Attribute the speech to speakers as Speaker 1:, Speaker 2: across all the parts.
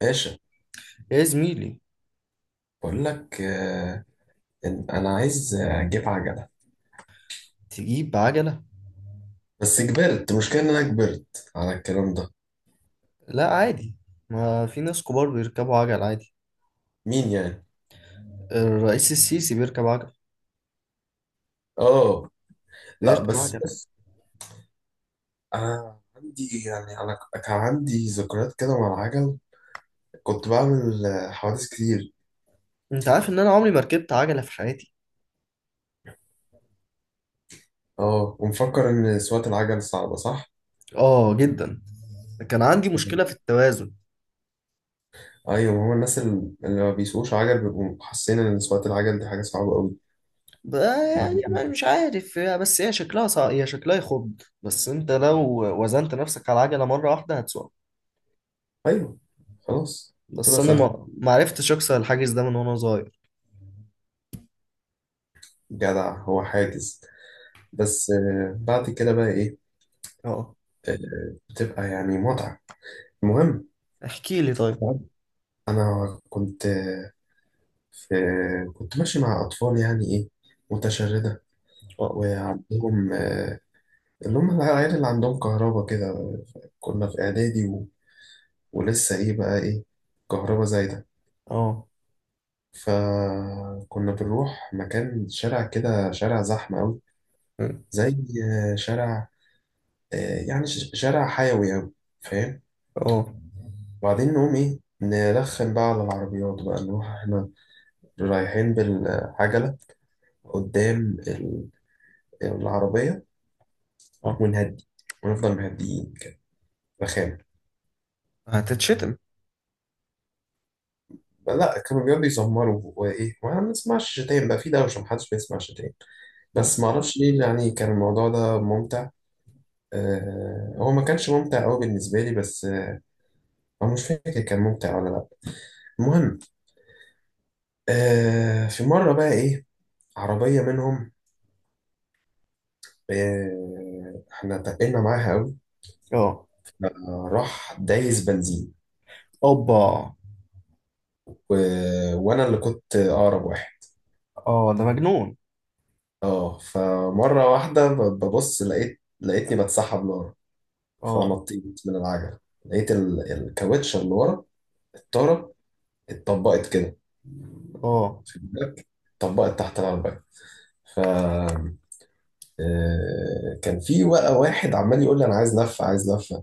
Speaker 1: باشا،
Speaker 2: يا زميلي.
Speaker 1: بقول لك إن انا عايز اجيب عجله.
Speaker 2: تجيب عجلة؟
Speaker 1: بس كبرت المشكله، ان انا كبرت على الكلام ده.
Speaker 2: لا عادي، ما في ناس كبار بيركبوا عجل عادي.
Speaker 1: مين يعني؟
Speaker 2: الرئيس السيسي بيركب عجل،
Speaker 1: اه. لا
Speaker 2: بيركب عجل
Speaker 1: بس
Speaker 2: عادي.
Speaker 1: بص، انا عندي يعني كان عندي ذكريات كده مع العجل. كنت بعمل حوادث كتير.
Speaker 2: انت عارف ان انا عمري ما ركبت عجلة في حياتي.
Speaker 1: اه، ومفكر ان سواقه العجل صعبه، صح؟
Speaker 2: اه جدا، كان عندي
Speaker 1: مم.
Speaker 2: مشكلة في التوازن.
Speaker 1: ايوه، هو الناس اللي ما بيسوقوش عجل بيبقوا حاسين ان سواقه العجل دي حاجه صعبه قوي.
Speaker 2: ب-
Speaker 1: بعد
Speaker 2: يعني أنا
Speaker 1: كده.
Speaker 2: مش عارف، بس هي شكلها هي شكلها يخض، بس انت لو وزنت نفسك على العجلة مرة واحدة هتسوق.
Speaker 1: ايوه. خلاص.
Speaker 2: بس
Speaker 1: تبقى
Speaker 2: انا
Speaker 1: سهل.
Speaker 2: ما عرفتش اكسر الحاجز ده من وانا صغير.
Speaker 1: جدع، هو حاجز؟ بس بعد كده بقى ايه؟
Speaker 2: اه،
Speaker 1: بتبقى يعني متعة. المهم،
Speaker 2: احكي لي طيب.
Speaker 1: انا كنت آه، في كنت ماشي مع اطفال يعني ايه، متشردة.
Speaker 2: اه،
Speaker 1: وعندهم اللي هم العيال اللي عندهم كهربا كده. كنا في اعدادي ولسه ايه بقى ايه، كهربا زايدة.
Speaker 2: اه،
Speaker 1: فكنا بنروح مكان شارع كده، شارع زحمة أوي. زي شارع، آه، يعني شارع حيوي أوي، فاهم؟
Speaker 2: اه،
Speaker 1: وبعدين نقوم ايه، نرخم بقى على العربيات بقى، نروح احنا رايحين بالعجلة قدام ال- العربية،
Speaker 2: اه،
Speaker 1: ونهدي ونفضل مهديين كده،
Speaker 2: آه.
Speaker 1: رخام.
Speaker 2: هتتشتم.
Speaker 1: لا، كانوا بيقعدوا يزمروا وايه، وانا ما بنسمعش شتايم بقى، في دوشة محدش بيسمع شتايم.
Speaker 2: أه.
Speaker 1: بس ما اعرفش ليه، يعني كان الموضوع ده ممتع. هو ما كانش ممتع قوي بالنسبة لي، بس آه، أنا مش فاكر كان ممتع ولا لا. المهم، في مرة بقى ايه، عربية منهم، احنا تقلنا معاها قوي.
Speaker 2: اه.
Speaker 1: راح دايس بنزين
Speaker 2: اوبا.
Speaker 1: و... وانا اللي كنت اقرب واحد.
Speaker 2: اه ده مجنون.
Speaker 1: اه، فمره واحده ببص، لقيتني بتسحب لورا.
Speaker 2: اه،
Speaker 1: فنطيت من العجل، لقيت الكاوتشه اللي ورا، الطاره، اتطبقت كده.
Speaker 2: اه،
Speaker 1: خد بالك، اتطبقت تحت العربيه. ف كان في بقى واحد عمال يقول لي انا عايز لفه، عايز لفه،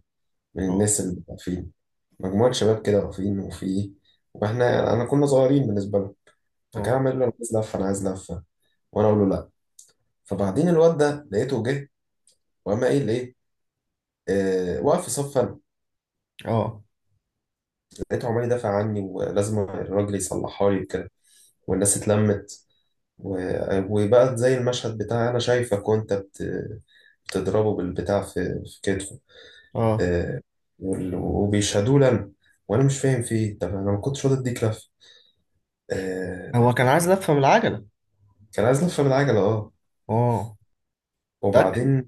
Speaker 1: من
Speaker 2: اه،
Speaker 1: الناس اللي واقفين. مجموعه شباب كده واقفين، وفي، واحنا انا كنا صغيرين بالنسبه لهم. فكان
Speaker 2: اه،
Speaker 1: عمال يقول لي انا عايز لفه، انا عايز لفه، وانا اقول له لا. فبعدين الواد ده لقيته جه وقام قايل ايه، واقف في صف انا.
Speaker 2: اه.
Speaker 1: لقيته عمال يدافع عني، ولازم الراجل يصلحها لي وكده، والناس اتلمت، وبقى زي المشهد بتاع انا شايفك وانت بتضربه بالبتاع في كتفه.
Speaker 2: اه،
Speaker 1: آه، وبيشهدوه لنا، وانا مش فاهم في ايه، طب انا ما كنتش راضي اديك لفه. آه،
Speaker 2: هو كان عايز لفه من العجله؟
Speaker 1: كان عايز لفه بالعجله اه.
Speaker 2: اه، متأكد؟
Speaker 1: وبعدين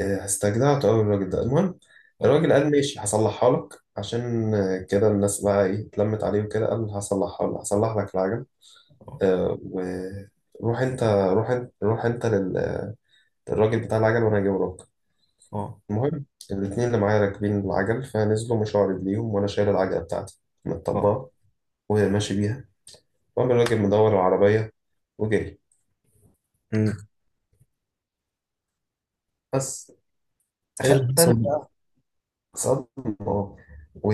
Speaker 1: استجدعته أوي الراجل ده، المهم.
Speaker 2: اه،
Speaker 1: الراجل قال ماشي، هصلحها لك، عشان كده الناس بقى إيه اتلمت عليه وكده، قال هصلحها لك، هصلح لك العجل.
Speaker 2: اه،
Speaker 1: آه، وروح أنت، روح أنت روح أنت لل- للراجل بتاع العجل، وأنا هجيبه لك.
Speaker 2: اه،
Speaker 1: المهم، الاتنين اللي معايا راكبين العجل فنزلوا مشوا على رجليهم، وأنا شايل العجلة بتاعتي من
Speaker 2: اه.
Speaker 1: الطباخ، وهي ماشي بيها. وقام الراجل مدور العربية وجري.
Speaker 2: أمم.
Speaker 1: بس
Speaker 2: ايه اللي
Speaker 1: أخدت
Speaker 2: حصل
Speaker 1: أنا
Speaker 2: بقى؟
Speaker 1: صدمة، و...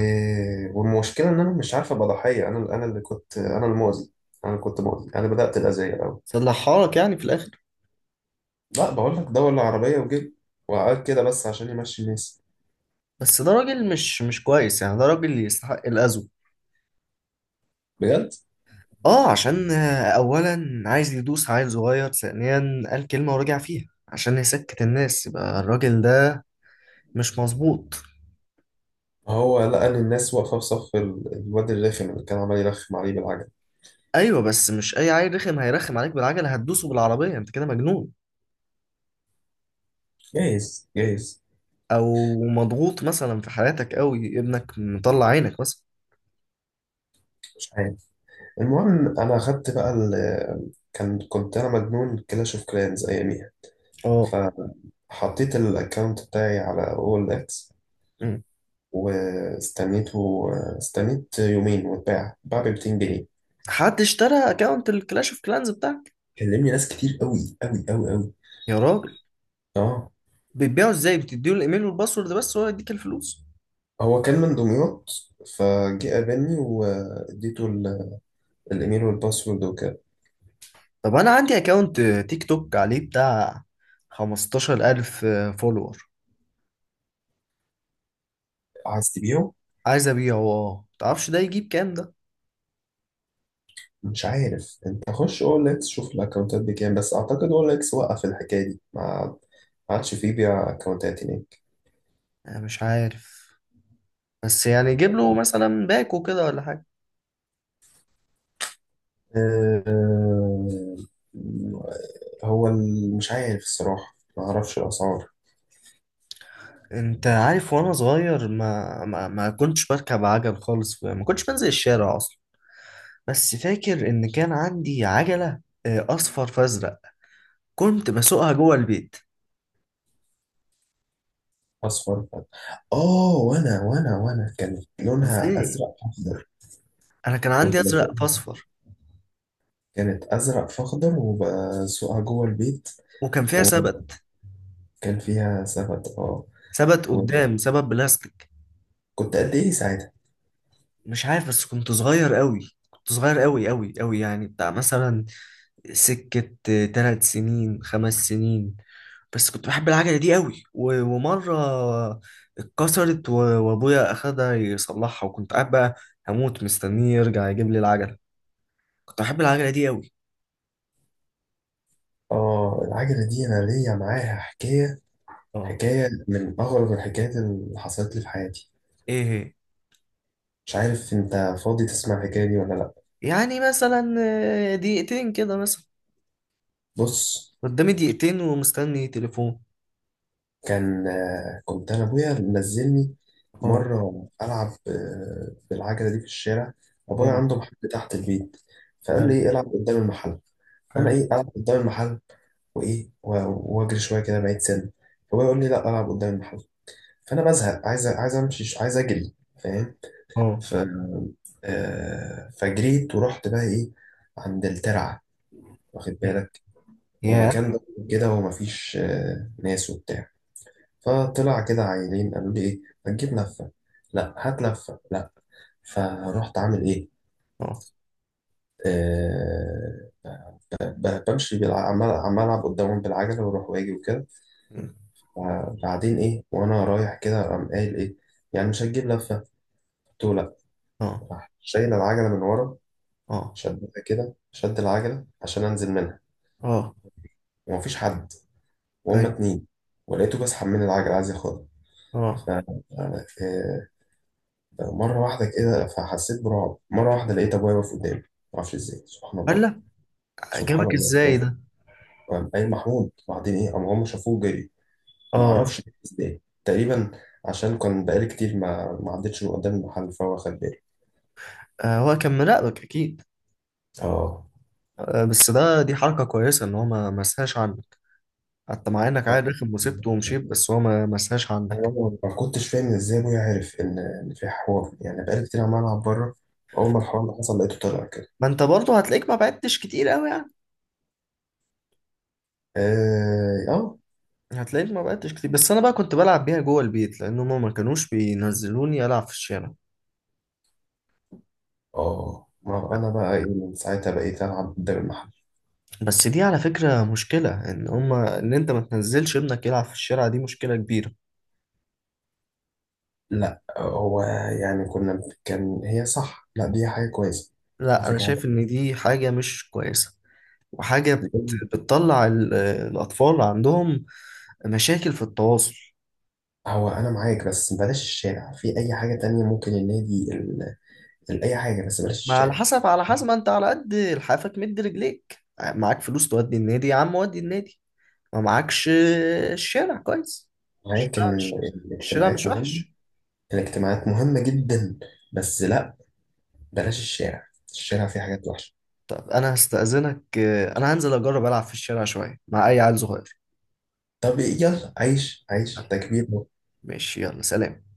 Speaker 1: والمشكلة إن أنا مش عارف أبقى ضحية. أنا اللي كنت، أنا المؤذي، أنا اللي كنت مؤذي، أنا بدأت الأذية الأول.
Speaker 2: صلحها لك يعني في الاخر؟
Speaker 1: لا بقول لك، دور العربية وجيب وقعد كده بس عشان يمشي الناس.
Speaker 2: بس ده راجل مش كويس، يعني ده راجل يستحق الاذى.
Speaker 1: بجد،
Speaker 2: اه، عشان اولا عايز يدوس عيل صغير، ثانيا قال كلمه ورجع فيها عشان يسكت الناس، يبقى الراجل ده مش مظبوط.
Speaker 1: هو لقى إن الناس واقفة في صف الواد الرخم اللي كان عمال يرخم عليه بالعجل.
Speaker 2: ايوه، بس مش اي عيل رخم هيرخم عليك بالعجله هتدوسه بالعربيه؟ انت كده مجنون.
Speaker 1: جايز، جايز.
Speaker 2: او مضغوط مثلا في حياتك قوي، ابنك مطلع عينك مثلا.
Speaker 1: مش عارف. المهم، أنا أخدت بقى ال... كان كنت أنا مجنون كلاش أوف كلانز أياميها.
Speaker 2: اه.
Speaker 1: فحطيت الأكونت بتاعي على أول إكس
Speaker 2: أمم.
Speaker 1: واستنيته. استنيت يومين واتباع، اتباع ب 200 جنيه.
Speaker 2: حد اشترى اكونت الكلاش اوف كلانز بتاعك؟
Speaker 1: كلمني ناس كتير قوي قوي قوي قوي.
Speaker 2: يا راجل!
Speaker 1: اه،
Speaker 2: بتبيعه ازاي؟ بتديله الايميل والباسورد بس وهو يديك الفلوس؟
Speaker 1: هو كان من دمياط، فجه قابلني واديته الايميل والباسورد وكده.
Speaker 2: طب انا عندي اكونت تيك توك عليه بتاع 15000 فولور.
Speaker 1: عايز تبيعه؟
Speaker 2: عايز ابيعه. اه، متعرفش ده يجيب كام ده؟
Speaker 1: مش عارف، انت خش اول اكس شوف الاكونتات بكام، بس اعتقد اول اكس وقف الحكايه دي، ما عادش فيه بيع اكونتات هناك.
Speaker 2: انا مش عارف، بس يعني جيب له مثلا باكو كده ولا حاجه.
Speaker 1: آه، هو مش عارف الصراحه، ما اعرفش الاسعار.
Speaker 2: انت عارف، وانا صغير ما كنتش بركب عجل خالص، ما كنتش بنزل الشارع اصلا. بس فاكر ان كان عندي عجلة اصفر فازرق، كنت بسوقها جوه البيت.
Speaker 1: اصفر فات، اه. وانا كانت لونها
Speaker 2: ازاي؟
Speaker 1: ازرق اخضر.
Speaker 2: انا كان عندي
Speaker 1: كنت
Speaker 2: ازرق
Speaker 1: بسوقها،
Speaker 2: فاصفر.
Speaker 1: كانت ازرق في اخضر، وبسوقها جوه البيت.
Speaker 2: وكان فيها
Speaker 1: وكان
Speaker 2: سبت؟
Speaker 1: فيها سبت، اه.
Speaker 2: سبت
Speaker 1: وكنت
Speaker 2: قدام، سبت بلاستيك.
Speaker 1: قد ايه ساعتها؟
Speaker 2: مش عارف، بس كنت صغير قوي، كنت صغير قوي، يعني بتاع مثلا سكة تلات سنين، خمس سنين. بس كنت بحب العجلة دي قوي، ومرة اتكسرت و- وأبويا أخدها يصلحها، وكنت قاعد بقى هموت مستنيه يرجع يجيب لي العجلة. كنت بحب العجلة دي قوي.
Speaker 1: اه، العجله دي انا ليا معاها حكايه،
Speaker 2: اه.
Speaker 1: حكايه من اغرب الحكايات اللي حصلت لي في حياتي.
Speaker 2: إيه هي؟
Speaker 1: مش عارف انت فاضي تسمع الحكايه دي ولا لا.
Speaker 2: يعني مثلا دقيقتين كده مثلا؟
Speaker 1: بص،
Speaker 2: قدامي دقيقتين ومستني تليفون.
Speaker 1: كان كنت انا ابويا منزلني
Speaker 2: اه.
Speaker 1: مره العب بالعجله دي في الشارع. ابويا
Speaker 2: اه.
Speaker 1: عنده محل تحت البيت، فقال لي
Speaker 2: حلو،
Speaker 1: العب قدام المحل. فانا
Speaker 2: حلو.
Speaker 1: العب قدام المحل، وايه واجري شويه كده بعيد سنه. فابويا يقول لي لا، العب قدام المحل. فانا بزهق، عايز امشي، عايز اجري، فاهم؟
Speaker 2: اه.
Speaker 1: ف فجريت ورحت بقى ايه، عند الترعه. واخد بالك،
Speaker 2: يا.
Speaker 1: ومكان كده، ومفيش ناس وبتاع. فطلع كده عيلين قالوا لي ايه، هتجيب لفه؟ لا. هات لفه؟ لا. فرحت عامل ايه،
Speaker 2: اه،
Speaker 1: آه بمشي عمال عمال العب قدامهم بالعجله، واروح واجي وكده. بعدين ايه، وانا رايح كده قام قايل ايه، يعني مش هتجيب لفه؟ قلت له لا.
Speaker 2: اه،
Speaker 1: راح شايل العجله من ورا،
Speaker 2: اه،
Speaker 1: شدها كده، شد العجله عشان انزل منها،
Speaker 2: اه.
Speaker 1: ومفيش حد، وهم
Speaker 2: ايوه.
Speaker 1: اتنين. ولقيته بسحب من العجله عايز ياخدها. ف
Speaker 2: اه.
Speaker 1: آه، مرة واحدة كده، فحسيت برعب. مرة واحدة لقيت أبويا واقف قدامي، معرفش إزاي، سبحان الله.
Speaker 2: هلا،
Speaker 1: سبحان
Speaker 2: جابك
Speaker 1: الله
Speaker 2: ازاي
Speaker 1: بابا.
Speaker 2: ده؟
Speaker 1: قام قايل محمود. بعدين إيه، قام هم شافوه جري.
Speaker 2: اه.
Speaker 1: معرفش إزاي تقريبا، عشان كان بقالي كتير ما ما عدتش من قدام المحل، فهو خد بالي.
Speaker 2: هو كان مراقبك اكيد.
Speaker 1: آه،
Speaker 2: بس ده دي حركة كويسة ان هو ما مسهاش عنك، حتى مع انك عادي داخل مصيبته ومشيت بس هو ما مسهاش
Speaker 1: أنا
Speaker 2: عنك.
Speaker 1: ما كنتش فاهم إزاي أبويا عارف إن في حوار، يعني بقالي كتير عمال ألعب بره. أول ما الحوار اللي حصل لقيته طلع كده.
Speaker 2: ما انت برضه هتلاقيك ما بعدتش كتير قوي يعني.
Speaker 1: آه، آه،
Speaker 2: هتلاقيك ما بعدتش كتير، بس انا بقى كنت بلعب بيها جوه البيت، لان هما ما كانوش بينزلوني العب في الشارع.
Speaker 1: آه. ما أنا بقى إيه، من ساعتها بقيت ألعب قدام المحل.
Speaker 2: بس دي على فكرة مشكلة، ان هما ان انت ما تنزلش ابنك يلعب في الشارع دي مشكلة كبيرة.
Speaker 1: لا هو يعني كان هي صح، لا دي حاجة كويسة، على
Speaker 2: لا انا
Speaker 1: فكرة.
Speaker 2: شايف ان دي حاجة مش كويسة، وحاجة بتطلع الاطفال عندهم مشاكل في التواصل.
Speaker 1: هو أنا معاك، بس بلاش الشارع، في أي حاجة تانية ممكن، النادي أي حاجة، بس بلاش
Speaker 2: ما على
Speaker 1: الشارع.
Speaker 2: حسب، على حسب، ما انت على قد لحافك مد رجليك. معاك فلوس تودي النادي يا عم ودي النادي، ما معاكش الشارع كويس.
Speaker 1: معاك
Speaker 2: الشارع
Speaker 1: إن
Speaker 2: مش الشارع مش
Speaker 1: الاجتماعات مهمة،
Speaker 2: وحش.
Speaker 1: الاجتماعات مهمة جدا، بس لا، بلاش الشارع، الشارع فيه حاجات وحشة.
Speaker 2: طب انا هستأذنك، انا هنزل اجرب العب في الشارع شوية مع اي عيل صغير.
Speaker 1: طب يلا، عيش عيش تكبير.
Speaker 2: ماشي، يلا سلام.